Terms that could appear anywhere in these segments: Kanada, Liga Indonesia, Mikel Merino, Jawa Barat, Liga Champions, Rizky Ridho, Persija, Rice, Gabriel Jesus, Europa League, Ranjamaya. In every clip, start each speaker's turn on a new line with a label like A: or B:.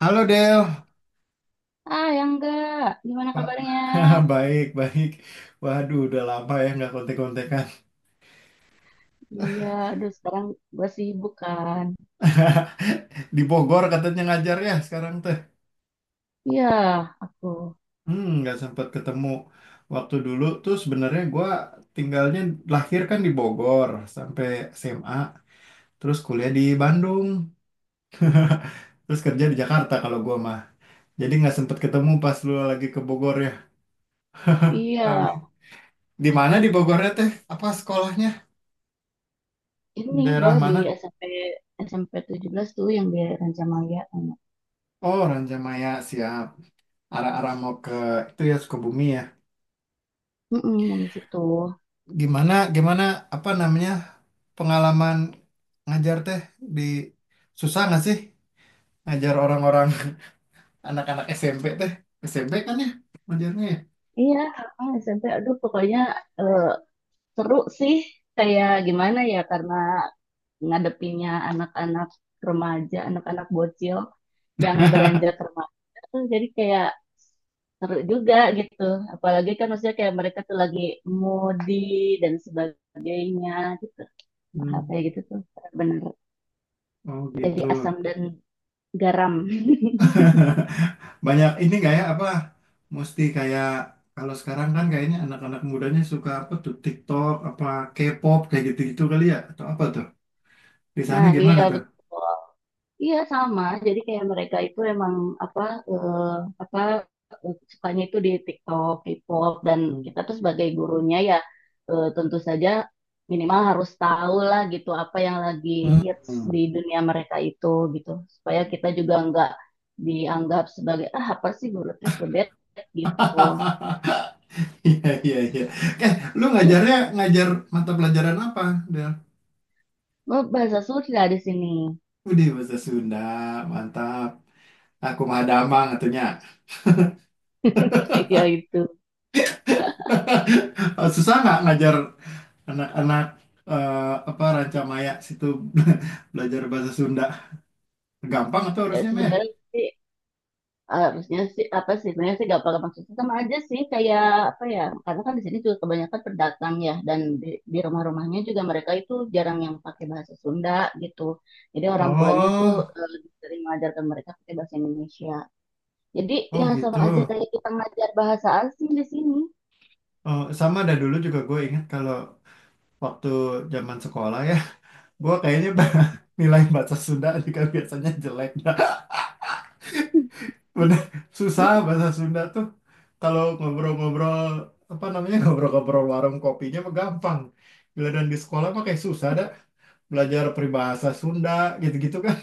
A: Halo Del,
B: Ah, yang enggak. Gimana
A: Pak.
B: kabarnya?
A: Baik, baik. Waduh, udah lama ya nggak kontek-kontekan.
B: Iya, aduh sekarang gue sibuk kan.
A: Di Bogor katanya ngajar ya sekarang teh.
B: Iya, aku.
A: Nggak sempat ketemu. Waktu dulu tuh sebenarnya gua tinggalnya lahir kan di Bogor sampai SMA, terus kuliah di Bandung, terus kerja di Jakarta kalau gua mah. Jadi nggak sempat ketemu pas lu lagi ke Bogor ya.
B: Iya,
A: Amin. Di mana di Bogornya teh? Apa sekolahnya? Di
B: ini
A: daerah
B: gue di
A: mana?
B: SMP SMP belas tuh yang di Rancamaya.
A: Oh, Ranjamaya, siap. Arah-arah mau ke itu ya Sukabumi ya.
B: Mm yang di situ.
A: Gimana gimana apa namanya pengalaman ngajar teh di, susah nggak sih ngajar orang-orang, anak-anak SMP teh, SMP kan ya ngajarnya ya.
B: Iya, ah, SMP. Aduh, pokoknya eh, seru sih. Kayak gimana ya, karena ngadepinnya anak-anak remaja, anak-anak bocil yang beranjak remaja tuh jadi kayak seru juga gitu. Apalagi kan maksudnya kayak mereka tuh lagi moody dan sebagainya gitu.
A: Hmm.
B: Hal kayak gitu tuh bener
A: Oh
B: jadi
A: gitu.
B: asam dan garam.
A: Banyak ini nggak ya, apa mesti kayak kalau sekarang kan kayaknya anak-anak mudanya suka apa tuh, TikTok apa K-pop kayak gitu-gitu kali ya atau apa tuh? Di sana
B: Nah,
A: gimana
B: iya
A: tuh?
B: betul. Iya sama. Jadi kayak mereka itu emang apa eh, apa sukanya itu di TikTok, K-pop dan
A: Hmm.
B: kita tuh sebagai gurunya ya, tentu saja minimal harus tahu lah gitu apa yang lagi hits
A: Hmm.
B: di dunia mereka itu gitu supaya kita juga nggak dianggap sebagai ah apa sih guru teh kudet gitu.
A: Iya, iya, iya. Eh, Lu ngajarnya ngajar mata pelajaran apa, Del?
B: Oh, bahasa Sunda di sini.
A: Udah bahasa Sunda, mantap. Aku mah damang atunya.
B: Kayak gitu.
A: Susah nggak ngajar anak-anak, apa Rancamaya situ, belajar bahasa Sunda? Gampang atau
B: Ya
A: harusnya, Maya?
B: sebenarnya sih harusnya sih apa sih sebenarnya sih gak apa maksudnya sama aja sih kayak apa ya karena kan di sini juga kebanyakan pendatang ya dan di rumah-rumahnya juga mereka itu jarang yang pakai bahasa Sunda gitu, jadi orang tuanya tuh
A: Oh,
B: lebih sering mengajarkan mereka pakai bahasa Indonesia, jadi
A: oh,
B: ya
A: gitu.
B: sama aja kayak kita ngajar bahasa asing di sini.
A: Oh, sama ada dulu juga gue ingat kalau waktu zaman sekolah ya, gue kayaknya nilai bahasa Sunda juga biasanya jelek. Bener, susah bahasa Sunda tuh. Kalau ngobrol-ngobrol, apa namanya, ngobrol-ngobrol warung kopinya mah gampang. Bila dan di sekolah mah kayak susah dah. Belajar peribahasa Sunda, gitu-gitu kan.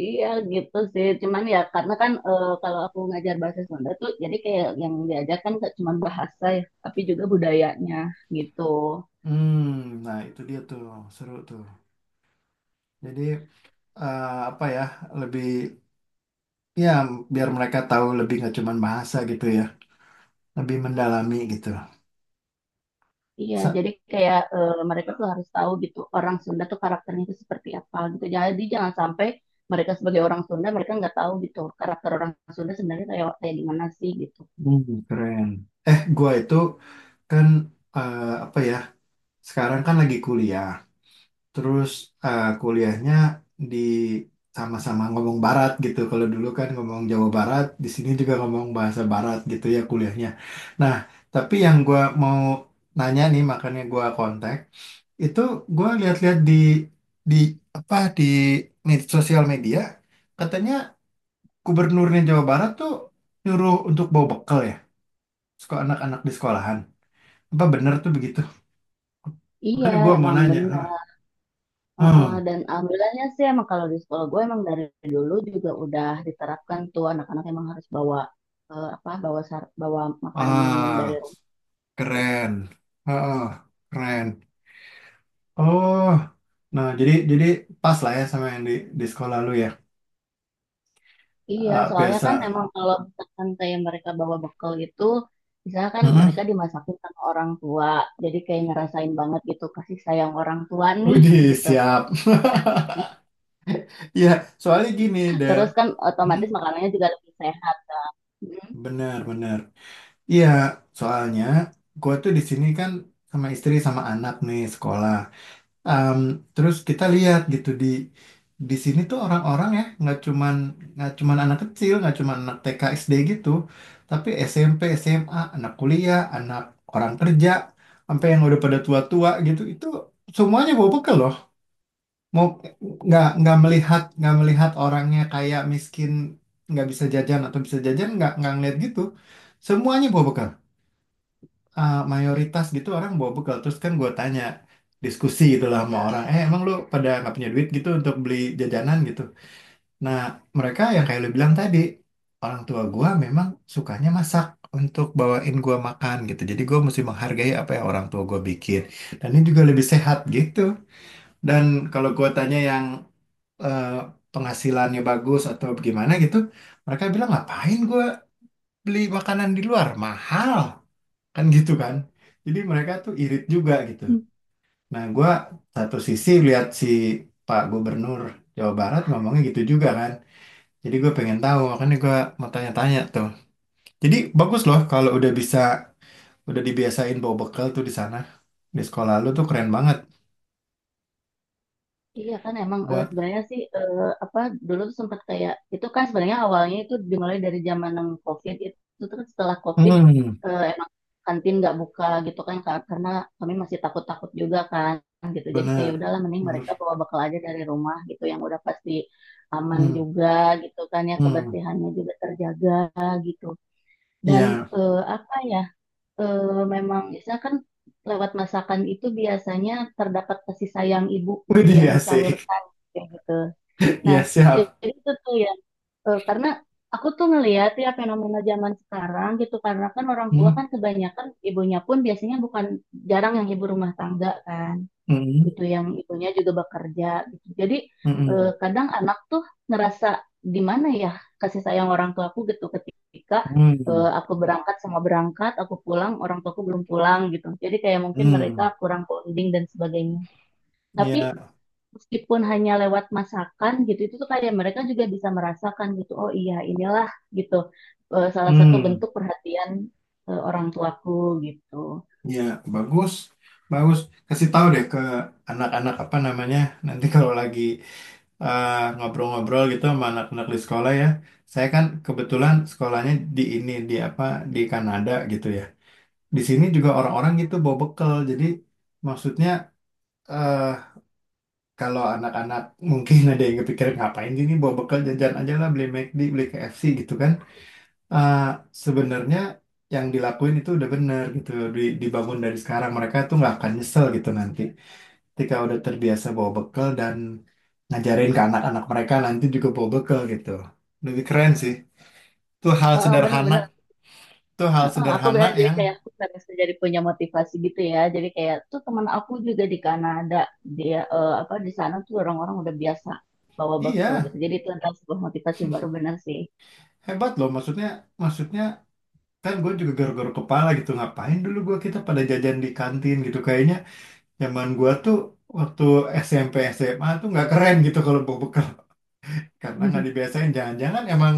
B: Iya gitu sih, cuman ya karena kan kalau aku ngajar bahasa Sunda tuh jadi kayak yang diajarkan gak cuma bahasa ya, tapi juga budayanya gitu.
A: Hmm, nah itu dia tuh, seru tuh. Jadi, eh, apa ya, lebih, ya biar mereka tahu lebih nggak cuman bahasa gitu ya. Lebih mendalami gitu.
B: Iya,
A: Sa-
B: jadi kayak mereka tuh harus tahu gitu orang Sunda tuh karakternya itu seperti apa gitu. Jadi jangan sampai mereka sebagai orang Sunda mereka nggak tahu gitu karakter orang Sunda sebenarnya kayak kayak gimana sih gitu.
A: Keren. Gua itu kan, apa ya, sekarang kan lagi kuliah. Terus kuliahnya di sama-sama ngomong barat gitu. Kalau dulu kan ngomong Jawa Barat, di sini juga ngomong bahasa barat gitu ya kuliahnya. Nah, tapi yang gua mau nanya nih makanya gua kontak, itu gua lihat-lihat di apa di sosial media, katanya gubernurnya Jawa Barat tuh nyuruh untuk bawa bekal ya, sekolah anak-anak di sekolahan. Apa bener tuh begitu?
B: Iya,
A: Makanya gua mau
B: emang
A: nanya. Heeh.
B: benar. Heeh,
A: Hmm.
B: dan alhamdulillahnya sih emang kalau di sekolah gue emang dari dulu juga udah diterapkan tuh anak-anak emang harus bawa apa bawa bawa makan minum dari
A: Ah.
B: rumah.
A: Keren. Heeh, keren. Oh, nah jadi pas lah ya sama yang di sekolah lu ya.
B: Iya, soalnya kan
A: Biasa.
B: emang kalau misalkan kayak mereka bawa bekal itu, misalnya kan mereka
A: Heeh.
B: dimasakin sama orang tua, jadi kayak ngerasain banget gitu kasih sayang orang tua nih
A: Widih,
B: gitu.
A: siap. Ya, soalnya gini deh.
B: Terus kan
A: Hmm,
B: otomatis makanannya juga lebih sehat. Hmm.
A: Bener, bener. Iya, soalnya gua tuh di sini kan sama istri sama anak nih sekolah. Em, Terus kita lihat gitu di sini tuh orang-orang ya, nggak cuman anak kecil, nggak cuman anak TK SD gitu, tapi SMP, SMA, anak kuliah, anak orang kerja, sampai yang udah pada tua-tua gitu, itu semuanya bawa bekal loh. Mau nggak, nggak melihat orangnya kayak miskin nggak bisa jajan atau bisa jajan, nggak ngeliat gitu, semuanya bawa bekal, mayoritas gitu orang bawa bekal. Terus kan gue tanya, diskusi gitu lah sama orang, emang lu pada nggak punya duit gitu untuk beli jajanan gitu. Nah mereka yang kayak lu bilang tadi, orang tua gue memang sukanya masak untuk bawain gue makan gitu, jadi gue mesti menghargai apa yang orang tua gue bikin, dan ini juga lebih sehat gitu. Dan kalau gue tanya yang eh, penghasilannya bagus atau gimana gitu, mereka bilang ngapain gue beli makanan di luar mahal kan gitu kan, jadi mereka tuh irit juga gitu. Nah gua satu sisi lihat si Pak Gubernur Jawa Barat ngomongnya gitu juga kan, jadi gue pengen tahu, makanya gue mau tanya-tanya tuh. Jadi bagus loh kalau udah bisa, udah dibiasain bawa bekal tuh di sana, di sekolah lu tuh keren banget
B: Iya kan emang
A: buat.
B: sebenarnya sih apa dulu tuh sempat kayak itu kan sebenarnya awalnya itu dimulai dari zaman yang COVID itu, terus setelah COVID
A: Hmm.
B: emang kantin nggak buka gitu kan karena kami masih takut-takut juga kan gitu jadi kayak ya
A: Bener,
B: udahlah mending mereka
A: bener.
B: bawa bekal aja dari rumah gitu yang udah pasti aman
A: Hmm.
B: juga gitu kan ya,
A: Hmm.
B: kebersihannya juga terjaga gitu. Dan
A: Iya.
B: apa ya, memang biasanya kan lewat masakan itu biasanya terdapat kasih sayang ibu gitu yang
A: Widih, asik.
B: disalurkan kayak gitu. Nah,
A: Iya, siap.
B: jadi itu tuh ya, karena aku tuh ngelihat ya fenomena zaman sekarang gitu karena kan orang tua
A: Hmm.
B: kan kebanyakan ibunya pun biasanya bukan jarang yang ibu rumah tangga kan
A: Hmm.
B: gitu, yang ibunya juga bekerja gitu. Jadi
A: Hmm.
B: kadang anak tuh ngerasa di mana ya kasih sayang orang tuaku gitu ketika
A: Hmm.
B: aku berangkat sama berangkat, aku pulang orang tuaku belum pulang gitu. Jadi kayak mungkin mereka
A: Hmm.
B: kurang bonding dan sebagainya. Tapi
A: Iya.
B: meskipun hanya lewat masakan gitu itu tuh kayak mereka juga bisa merasakan gitu. Oh iya, inilah gitu, salah satu
A: Hmm.
B: bentuk perhatian orang tuaku gitu.
A: Ya, bagus. Bagus. Kasih tahu deh ke anak-anak apa namanya. Nanti kalau lagi ngobrol-ngobrol gitu sama anak-anak di sekolah ya. Saya kan kebetulan sekolahnya di ini, di apa, di Kanada gitu ya. Di sini juga orang-orang gitu bawa bekal. Jadi maksudnya, eh kalau anak-anak mungkin ada yang kepikiran ngapain sih ini bawa bekal, jajan aja lah, beli McD, beli KFC gitu kan. Ah, sebenarnya yang dilakuin itu udah bener gitu. Dibangun dari sekarang, mereka tuh nggak akan nyesel gitu nanti, ketika udah terbiasa bawa bekal dan ngajarin ke anak-anak mereka nanti juga bawa bekal gitu, lebih keren sih. tuh hal
B: Heeh,
A: sederhana
B: bener-bener.
A: tuh hal
B: Heeh, aku
A: sederhana
B: benar jadi
A: yang,
B: kayak aku bisa jadi punya motivasi gitu ya. Jadi kayak tuh teman aku juga di Kanada dia apa di sana tuh orang-orang udah biasa bawa bekal
A: iya,
B: gitu. Jadi itu adalah sebuah motivasi baru benar sih.
A: hebat loh, maksudnya, maksudnya kan gue juga garuk-garuk kepala gitu, ngapain dulu gue, kita pada jajan di kantin gitu kayaknya. Zaman gue tuh waktu SMP SMA tuh nggak keren gitu kalau bawa bekal, karena nggak dibiasain. Jangan-jangan emang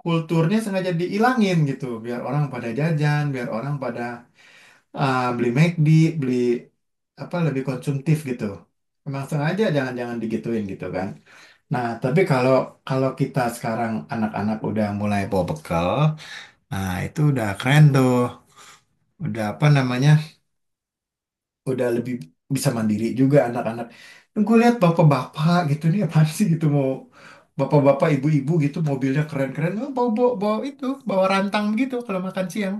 A: kulturnya sengaja diilangin gitu biar orang pada jajan, biar orang pada, ah, beli McD, beli apa, lebih konsumtif gitu. Emang sengaja jangan-jangan digituin gitu kan. Nah tapi kalau kalau kita sekarang anak-anak udah mulai bawa bekal, nah itu udah keren tuh, udah apa namanya, udah lebih bisa mandiri juga anak-anak. Gue lihat bapak-bapak gitu nih, apaan sih gitu mau, bapak-bapak ibu-ibu gitu mobilnya keren-keren, oh, bawa, itu bawa rantang gitu kalau makan siang.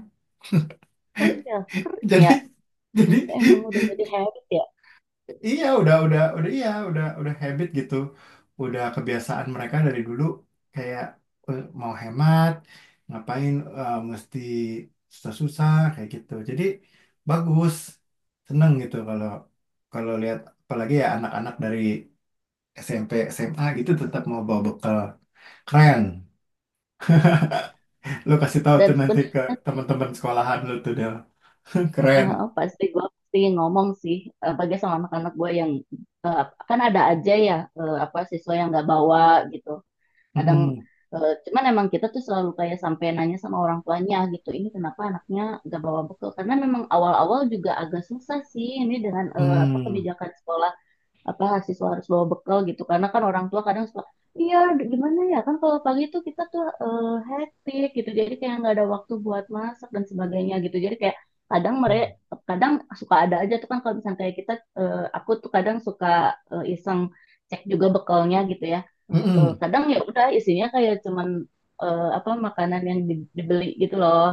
B: Oh iya, keren
A: Jadi,
B: ya.
A: jadi
B: Emang udah jadi habit ya.
A: iya, udah, iya, udah habit gitu, udah kebiasaan mereka dari dulu kayak, mau hemat, ngapain mesti susah-susah kayak gitu. Jadi bagus, seneng gitu kalau kalau lihat apalagi ya anak-anak dari SMP, SMA gitu tetap mau bawa bekal, keren. Lo kasih tahu
B: Dan
A: tuh nanti ke
B: sebenarnya sih
A: teman-teman sekolahan lo tuh Del, keren.
B: pasti gue pasti ngomong sih bagi sama anak-anak gue yang eh, kan ada aja ya, apa siswa yang nggak bawa gitu. Kadang
A: Mm-mm.
B: cuman emang kita tuh selalu kayak sampai nanya sama orang tuanya gitu ini kenapa anaknya gak bawa bekal karena memang awal-awal juga agak susah sih ini dengan apa
A: Mm.
B: kebijakan sekolah apa siswa harus bawa bekal gitu karena kan orang tua kadang suka iya gimana ya kan kalau pagi tuh kita tuh hektik gitu jadi kayak nggak ada waktu buat masak dan sebagainya gitu jadi kayak kadang mereka
A: Mm.
B: kadang suka ada aja tuh kan kalau misalnya kayak kita aku tuh kadang suka iseng cek juga bekalnya gitu ya. Eh,
A: Mm-mm.
B: kadang ya udah isinya kayak cuman apa makanan yang dibeli gitu loh,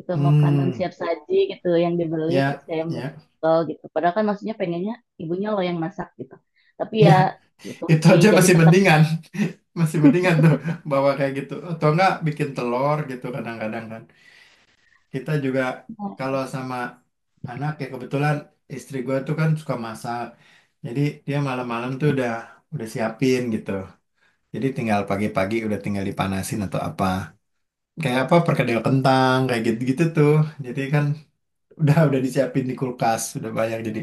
B: itu makanan
A: Mm.
B: siap saji gitu yang dibeli
A: Ya,
B: terus saya
A: ya.
B: mekel gitu padahal kan maksudnya pengennya ibunya loh yang masak gitu, tapi
A: Ya,
B: ya gitu
A: itu
B: sih
A: aja
B: jadi tetap
A: masih mendingan tuh bawa kayak gitu. Atau enggak bikin telur gitu kadang-kadang kan. Kita juga kalau sama anak ya, kebetulan istri gue tuh kan suka masak. Jadi dia malam-malam tuh udah siapin gitu. Jadi tinggal pagi-pagi udah tinggal dipanasin atau apa. Kayak apa, perkedel kentang kayak gitu-gitu tuh. Jadi kan udah disiapin di kulkas, udah banyak jadi.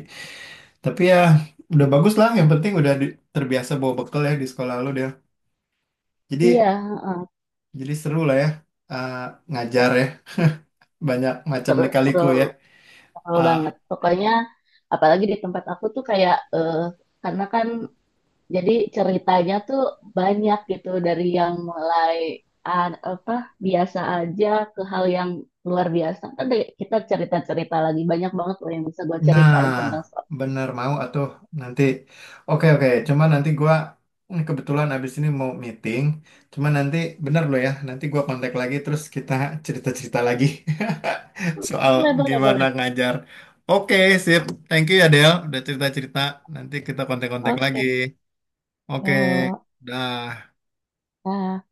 A: Tapi ya udah bagus lah, yang penting udah terbiasa bawa bekal ya di sekolah lu dia.
B: iya
A: Jadi
B: heeh,
A: Jadi seru lah ya, eh, ngajar ya, banyak macam
B: seru seru
A: lika-liku ya.
B: seru
A: Ah,
B: banget pokoknya apalagi di tempat aku tuh kayak karena kan jadi ceritanya tuh banyak gitu dari yang mulai apa biasa aja ke hal yang luar biasa. Nanti kita cerita-cerita lagi banyak banget loh yang bisa gue
A: nah,
B: ceritain tentang Star.
A: bener mau atuh nanti. Oke, oke, cuma nanti gua, kebetulan abis ini mau meeting. Cuma nanti bener loh ya, nanti gua kontak lagi terus kita cerita-cerita lagi soal
B: Boleh, boleh,
A: gimana
B: boleh.
A: ngajar. Oke, sip. Thank you ya Del, udah cerita-cerita. Nanti kita kontak-kontak lagi.
B: Oke.
A: Oke,
B: Eh,
A: dah.
B: eh,